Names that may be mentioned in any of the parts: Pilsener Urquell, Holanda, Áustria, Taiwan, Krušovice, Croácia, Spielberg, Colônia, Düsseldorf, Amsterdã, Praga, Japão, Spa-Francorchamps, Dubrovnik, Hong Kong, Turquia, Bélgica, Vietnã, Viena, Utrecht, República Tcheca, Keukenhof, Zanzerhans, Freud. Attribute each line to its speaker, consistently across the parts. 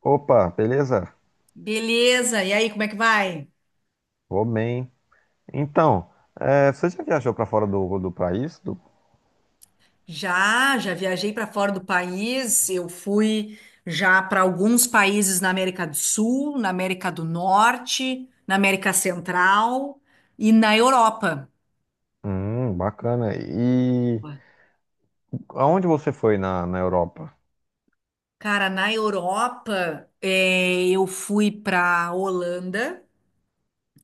Speaker 1: Opa, beleza?
Speaker 2: Beleza, e aí, como é que vai?
Speaker 1: Vou bem. Então, você já viajou para fora do país? Do-
Speaker 2: Já viajei para fora do país. Eu fui já para alguns países na América do Sul, na América do Norte, na América Central e na Europa.
Speaker 1: Bacana. E aonde você foi na Europa?
Speaker 2: Cara, na Europa, eu fui para Holanda,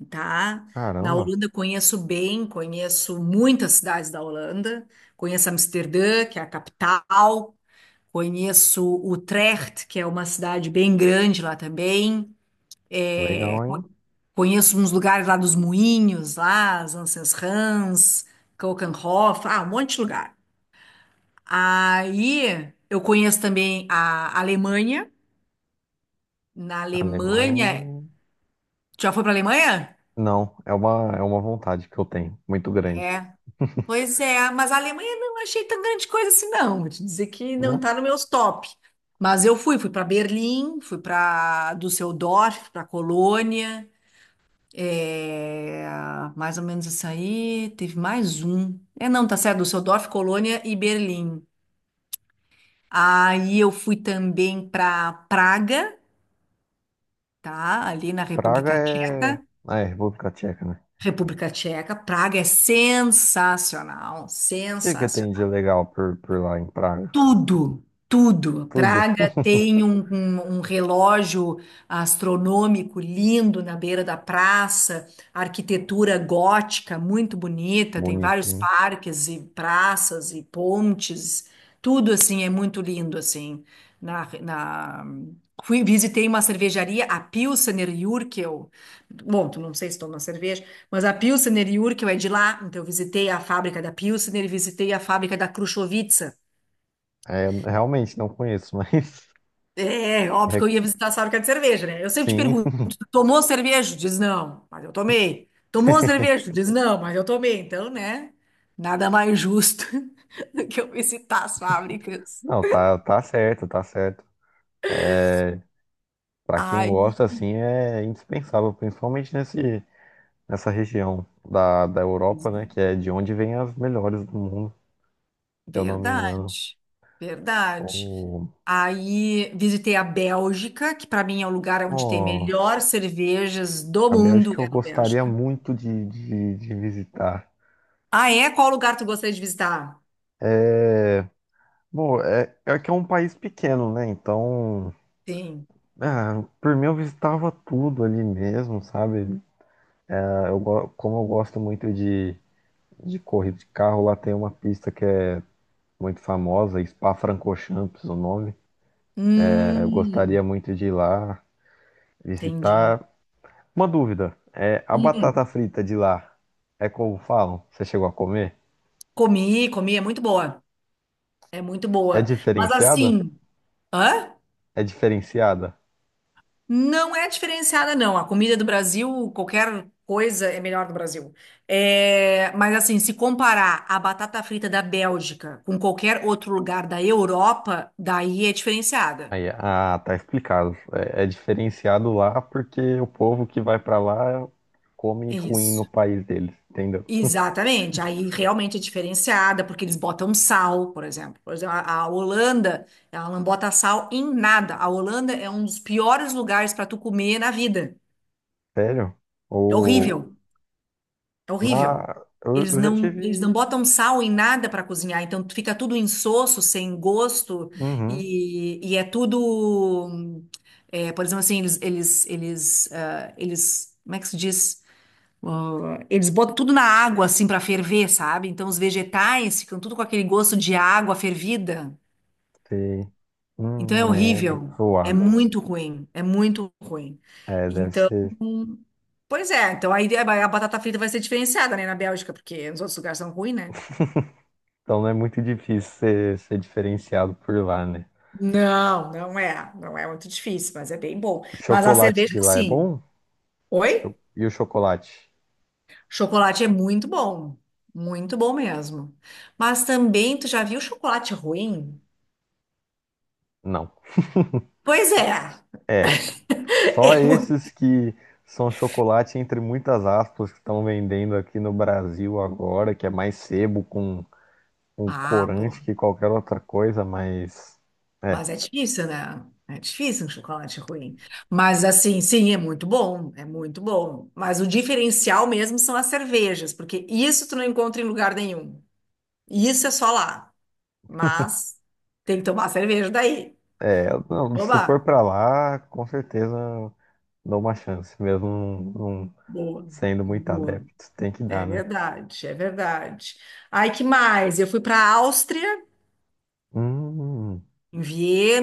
Speaker 2: tá? Na
Speaker 1: Caramba,
Speaker 2: Holanda eu conheço bem, conheço muitas cidades da Holanda, conheço Amsterdã, que é a capital, conheço Utrecht, que é uma cidade bem grande lá também. É,
Speaker 1: legal, hein?
Speaker 2: conheço uns lugares lá dos Moinhos, lá, Zanzerhans, Keukenhof, ah, um monte de lugar. Aí eu conheço também a Alemanha. Na Alemanha,
Speaker 1: Alemanha.
Speaker 2: tu já foi para Alemanha?
Speaker 1: Não, é uma vontade que eu tenho, muito grande.
Speaker 2: É, pois é, mas a Alemanha não achei tão grande coisa assim, não. Vou te dizer que não
Speaker 1: Não,
Speaker 2: tá no meus top. Mas eu fui para Berlim, fui para Düsseldorf, para Colônia. É, mais ou menos isso aí. Teve mais um. É, não, tá certo. Düsseldorf, Colônia e Berlim. Aí eu fui também para Praga, tá? Ali na
Speaker 1: Praga
Speaker 2: República Tcheca.
Speaker 1: é. Ah, é República Tcheca, né?
Speaker 2: República Tcheca. Praga é sensacional,
Speaker 1: O que que tem de
Speaker 2: sensacional.
Speaker 1: legal por lá em Praga?
Speaker 2: Tudo, tudo.
Speaker 1: Tudo.
Speaker 2: Praga tem um relógio astronômico lindo na beira da praça, arquitetura gótica muito bonita, tem
Speaker 1: Bonito,
Speaker 2: vários
Speaker 1: hein?
Speaker 2: parques e praças e pontes, tudo assim é muito lindo assim. Na, na- Fui, visitei uma cervejaria, a Pilsener Urquell. Bom, tu não sei se toma cerveja, mas a Pilsener Urquell é de lá, então eu visitei a fábrica da Pilsener e visitei a fábrica da Krušovice.
Speaker 1: É, realmente não conheço, mas.
Speaker 2: É, óbvio que eu ia
Speaker 1: recom-
Speaker 2: visitar a fábrica de cerveja, né? Eu sempre te
Speaker 1: Sim.
Speaker 2: pergunto, "Tu tomou cerveja? Diz não, mas eu tomei. Tomou cerveja? Diz não, mas eu tomei. Então, né? Nada mais justo que eu visitar as fábricas.
Speaker 1: Não, tá, tá certo, tá certo. É, Para quem
Speaker 2: Aí,
Speaker 1: gosta, assim, é indispensável, principalmente nesse, nessa região da Europa, né? Que é de onde vem as melhores do mundo, se eu não me engano.
Speaker 2: verdade, verdade.
Speaker 1: Oh,
Speaker 2: Aí visitei a Bélgica, que para mim é o lugar onde tem melhor
Speaker 1: nossa,
Speaker 2: cervejas do
Speaker 1: a
Speaker 2: mundo,
Speaker 1: Bélgica
Speaker 2: é
Speaker 1: eu
Speaker 2: na
Speaker 1: gostaria
Speaker 2: Bélgica.
Speaker 1: muito de visitar.
Speaker 2: Ah, é? Qual lugar tu gostaria de visitar?
Speaker 1: É, bom, é que é um país pequeno, né? Então,
Speaker 2: Sim.
Speaker 1: ah, por mim eu visitava tudo ali mesmo, sabe? Ah, como eu gosto muito de corrida de carro, lá tem uma pista que é muito famosa, Spa-Francorchamps, o nome. É, eu
Speaker 2: Hum,
Speaker 1: gostaria muito de ir lá
Speaker 2: entendi.
Speaker 1: visitar. Uma dúvida, a
Speaker 2: Hum.
Speaker 1: batata frita de lá é como falam? Você chegou a comer?
Speaker 2: Comi, comi, é muito boa. É muito
Speaker 1: É
Speaker 2: boa. Mas
Speaker 1: diferenciada?
Speaker 2: assim, hã?
Speaker 1: É diferenciada?
Speaker 2: Não é diferenciada, não. A comida do Brasil, qualquer coisa é melhor do Brasil. É, mas assim, se comparar a batata frita da Bélgica com qualquer outro lugar da Europa, daí é diferenciada.
Speaker 1: Aí, ah, tá explicado. É, é diferenciado lá porque o povo que vai pra lá come ruim no
Speaker 2: Isso.
Speaker 1: país deles, entendeu?
Speaker 2: Exatamente. Aí realmente é diferenciada, porque eles botam sal, por exemplo. Por exemplo, a Holanda, ela não bota sal em nada. A Holanda é um dos piores lugares para tu comer na vida.
Speaker 1: Sério?
Speaker 2: É
Speaker 1: Ou
Speaker 2: horrível, é
Speaker 1: na
Speaker 2: horrível.
Speaker 1: eu,
Speaker 2: Eles
Speaker 1: eu já
Speaker 2: não, eles não
Speaker 1: tive.
Speaker 2: botam sal em nada para cozinhar, então fica tudo insosso, sem gosto,
Speaker 1: Uhum.
Speaker 2: e é tudo. É, por exemplo, assim, eles, como é que se diz? Ah, eles botam tudo na água, assim, para ferver, sabe? Então os vegetais ficam tudo com aquele gosto de água fervida.
Speaker 1: Sei.
Speaker 2: Então é
Speaker 1: É
Speaker 2: horrível, é
Speaker 1: zoado.
Speaker 2: muito ruim, é muito ruim.
Speaker 1: É, deve
Speaker 2: Então
Speaker 1: ser.
Speaker 2: pois é, então aí a batata frita vai ser diferenciada, né, na Bélgica, porque nos outros lugares são ruins, né?
Speaker 1: Então não é muito difícil ser, ser diferenciado por lá, né?
Speaker 2: Não, não é. Não é muito difícil, mas é bem bom.
Speaker 1: O
Speaker 2: Mas a
Speaker 1: chocolate
Speaker 2: cerveja,
Speaker 1: de lá é
Speaker 2: sim.
Speaker 1: bom? Cho-
Speaker 2: Oi?
Speaker 1: E o chocolate?
Speaker 2: Chocolate é muito bom. Muito bom mesmo. Mas também, tu já viu chocolate ruim?
Speaker 1: Não.
Speaker 2: Pois é.
Speaker 1: É. Só
Speaker 2: É
Speaker 1: esses
Speaker 2: muito...
Speaker 1: que são chocolate entre muitas aspas que estão vendendo aqui no Brasil agora, que é mais sebo com
Speaker 2: Ah, pô.
Speaker 1: corante que qualquer outra coisa, mas. É.
Speaker 2: Mas é difícil, né? É difícil um chocolate ruim. Mas assim, sim, é muito bom. É muito bom. Mas o diferencial mesmo são as cervejas, porque isso tu não encontra em lugar nenhum. E isso é só lá. Mas tem que tomar cerveja daí.
Speaker 1: É, não, se for
Speaker 2: Toma.
Speaker 1: pra lá, com certeza dou uma chance, mesmo não,
Speaker 2: Boa,
Speaker 1: sendo muito
Speaker 2: boa.
Speaker 1: adepto, tem que
Speaker 2: É
Speaker 1: dar, né?
Speaker 2: verdade, é verdade. Aí que mais? Eu fui para a Áustria,
Speaker 1: Hum,
Speaker 2: em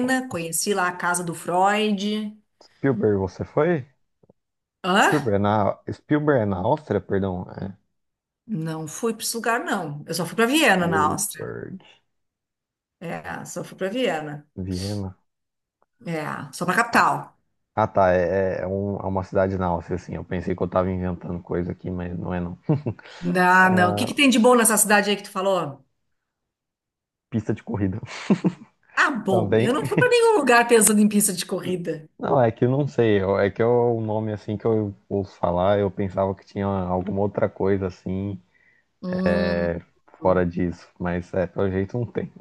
Speaker 1: ó,
Speaker 2: conheci lá a casa do Freud.
Speaker 1: Spielberg, você foi?
Speaker 2: Hã?
Speaker 1: Spielberg na, Spielberg é na Áustria, perdão. É.
Speaker 2: Não fui para esse lugar, não. Eu só fui para Viena, na Áustria.
Speaker 1: Spielberg,
Speaker 2: É, só fui para Viena.
Speaker 1: Viena.
Speaker 2: É, só para
Speaker 1: Ah,
Speaker 2: capital.
Speaker 1: ah, tá, é uma cidade na Áustria, assim. Eu pensei que eu tava inventando coisa aqui, mas não é não.
Speaker 2: Não, não. O
Speaker 1: Ah,
Speaker 2: que que tem de bom nessa cidade aí que tu falou?
Speaker 1: pista de corrida
Speaker 2: Ah, bom,
Speaker 1: também.
Speaker 2: eu não fui para nenhum lugar pensando em pista de corrida.
Speaker 1: Não, é que eu não sei. Eu- É que é o nome assim que eu ouço falar. Eu pensava que tinha alguma outra coisa assim
Speaker 2: Hum.
Speaker 1: fora disso, mas é, pelo jeito não tem.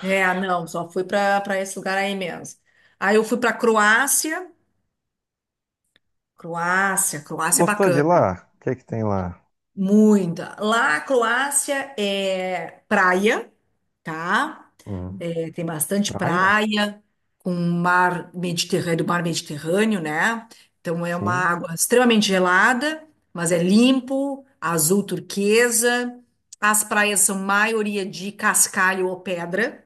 Speaker 2: É, não, só fui para esse lugar aí mesmo. Aí eu fui para Croácia. Croácia, Croácia é
Speaker 1: Gostou de lá?
Speaker 2: bacana.
Speaker 1: O que é que tem lá?
Speaker 2: Muita. Lá, a Croácia é praia, tá?
Speaker 1: Hum,
Speaker 2: É, tem bastante
Speaker 1: praia?
Speaker 2: praia, com mar Mediterrâneo, né? Então é uma
Speaker 1: Sim.
Speaker 2: água extremamente gelada, mas é limpo, azul turquesa. As praias são maioria de cascalho ou pedra.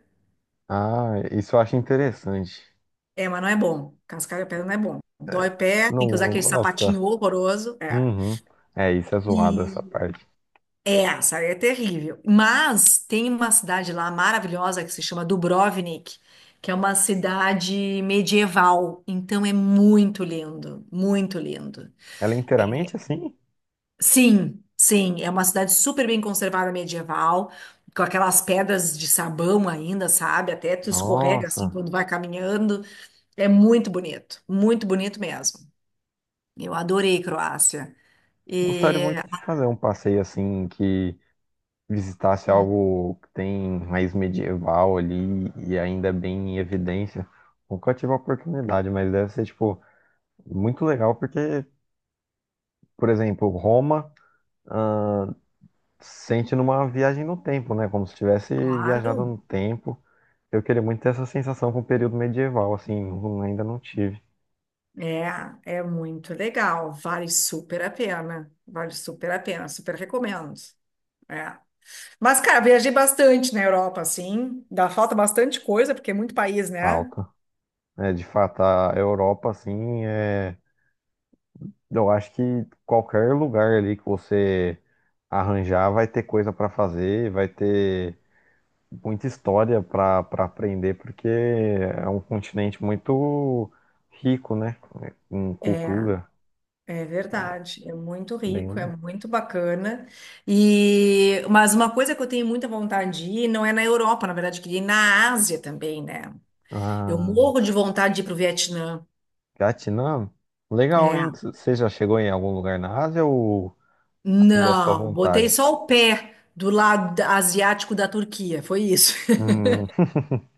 Speaker 1: Ah, isso eu acho interessante.
Speaker 2: É, mas não é bom. Cascar de pedra não é bom. Dói
Speaker 1: É,
Speaker 2: o pé, tem
Speaker 1: não,
Speaker 2: que usar
Speaker 1: não
Speaker 2: aquele
Speaker 1: gosta.
Speaker 2: sapatinho horroroso. É.
Speaker 1: Uhum. É, isso é zoado essa
Speaker 2: E
Speaker 1: parte.
Speaker 2: é, essa é terrível. Mas tem uma cidade lá maravilhosa que se chama Dubrovnik, que é uma cidade medieval. Então é muito lindo, muito lindo.
Speaker 1: Ela é inteiramente assim?
Speaker 2: Sim, sim, é uma cidade super bem conservada medieval, com aquelas pedras de sabão ainda, sabe? Até tu escorrega assim
Speaker 1: Nossa.
Speaker 2: quando vai caminhando. É muito bonito mesmo. Eu adorei Croácia. E,
Speaker 1: Gostaria muito de fazer um passeio assim que visitasse
Speaker 2: hum,
Speaker 1: algo que tem raiz medieval ali e ainda é bem em evidência. Nunca tive a oportunidade, mas deve ser, tipo, muito legal porque, por exemplo, Roma sente numa viagem no tempo, né? Como se tivesse viajado
Speaker 2: claro,
Speaker 1: no tempo. Eu queria muito ter essa sensação com o período medieval, assim, não- ainda não tive
Speaker 2: é, é muito legal. Vale super a pena. Vale super a pena. Super recomendo. É. Mas, cara, viajei bastante na Europa, assim. Dá falta bastante coisa, porque é muito país, né?
Speaker 1: falta. É, de fato, a Europa, assim, é, eu acho que qualquer lugar ali que você arranjar vai ter coisa para fazer, vai ter muita história para aprender, porque é um continente muito rico, né? Em
Speaker 2: É,
Speaker 1: cultura.
Speaker 2: é verdade. É muito rico, é
Speaker 1: Bem...
Speaker 2: muito bacana. E, mas uma coisa que eu tenho muita vontade de ir, não é na Europa, na verdade, eu queria ir na Ásia também, né? Eu
Speaker 1: Ah,
Speaker 2: morro de vontade de ir para o Vietnã.
Speaker 1: Vietnã? Legal,
Speaker 2: É.
Speaker 1: hein? Você já chegou em algum lugar na Ásia ou ainda é só
Speaker 2: Não, botei
Speaker 1: vontade?
Speaker 2: só o pé do asiático da Turquia, foi isso.
Speaker 1: Hum.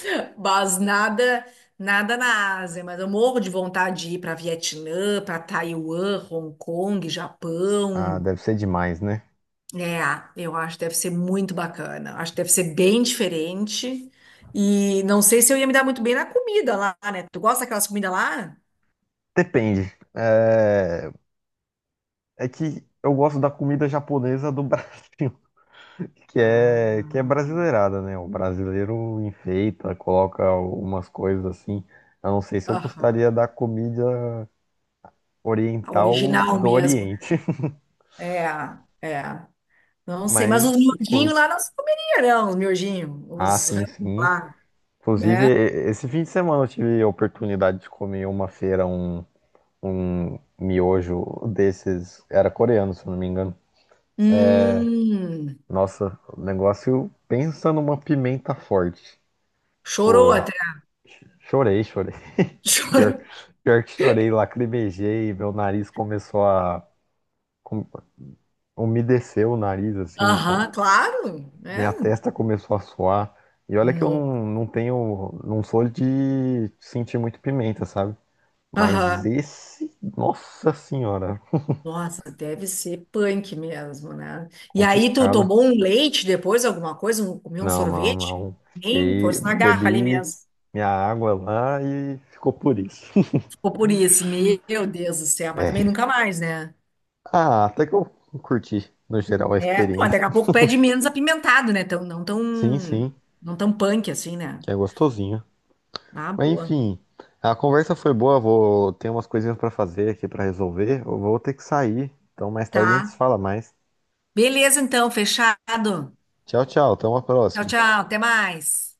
Speaker 2: Mas nada, nada na Ásia, mas eu morro de vontade de ir para Vietnã, para Taiwan, Hong Kong,
Speaker 1: Ah,
Speaker 2: Japão.
Speaker 1: deve ser demais, né?
Speaker 2: É, eu acho que deve ser muito bacana. Acho que deve ser bem diferente. E não sei se eu ia me dar muito bem na comida lá, né? Tu gosta daquelas comidas lá?
Speaker 1: Depende. É, É que eu gosto da comida japonesa do Brasil, que é
Speaker 2: Ah.
Speaker 1: brasileirada, né? O brasileiro enfeita, coloca umas coisas assim. Eu não sei se eu
Speaker 2: Aham.
Speaker 1: gostaria da comida
Speaker 2: A
Speaker 1: oriental
Speaker 2: original
Speaker 1: do
Speaker 2: mesmo.
Speaker 1: Oriente,
Speaker 2: É, é. Não sei, mas os
Speaker 1: mas. Co-
Speaker 2: miudinhos lá não se comeria, não, os miudinhos,
Speaker 1: Ah,
Speaker 2: os rã
Speaker 1: sim, sim.
Speaker 2: lá,
Speaker 1: Inclusive,
Speaker 2: né?
Speaker 1: e- esse fim de semana eu tive a oportunidade de comer uma feira, um miojo desses. Era coreano, se eu não me engano.
Speaker 2: Hum,
Speaker 1: Nossa, o negócio pensa numa pimenta forte.
Speaker 2: chorou
Speaker 1: Tipo,
Speaker 2: até.
Speaker 1: ch- chorei, chorei.
Speaker 2: Chorou.
Speaker 1: Pior, pior que chorei, lacrimejei, meu nariz começou a com- umedeceu o nariz assim, com-
Speaker 2: Aham, claro, né?
Speaker 1: minha testa começou a suar. E olha que eu
Speaker 2: No.
Speaker 1: não, não tenho, não sou de sentir muito pimenta, sabe? Mas
Speaker 2: Aham.
Speaker 1: esse, nossa senhora,
Speaker 2: Nossa, deve ser punk mesmo, né? E aí tu
Speaker 1: complicado.
Speaker 2: tomou um leite depois, alguma coisa, um, comeu um
Speaker 1: Não, não,
Speaker 2: sorvete?
Speaker 1: não.
Speaker 2: Nem
Speaker 1: Fiquei,
Speaker 2: fosse na garra ali
Speaker 1: bebi
Speaker 2: mesmo.
Speaker 1: minha água lá e ficou por isso.
Speaker 2: Ficou por isso, meu Deus do céu, mas também
Speaker 1: É.
Speaker 2: nunca mais, né?
Speaker 1: Ah, até que eu curti, no geral, a
Speaker 2: É, não,
Speaker 1: experiência.
Speaker 2: daqui a pouco pede menos apimentado, né? Tão, não tão,
Speaker 1: Sim, sim,
Speaker 2: não tão punk assim, né?
Speaker 1: que é gostosinho.
Speaker 2: Ah,
Speaker 1: Mas
Speaker 2: boa.
Speaker 1: enfim, a conversa foi boa, vou ter umas coisinhas pra fazer aqui pra resolver. Eu vou ter que sair, então mais tarde a gente se
Speaker 2: Tá.
Speaker 1: fala mais.
Speaker 2: Beleza, então, fechado.
Speaker 1: Tchau, tchau, até uma
Speaker 2: Tchau,
Speaker 1: próxima.
Speaker 2: tchau. Até mais.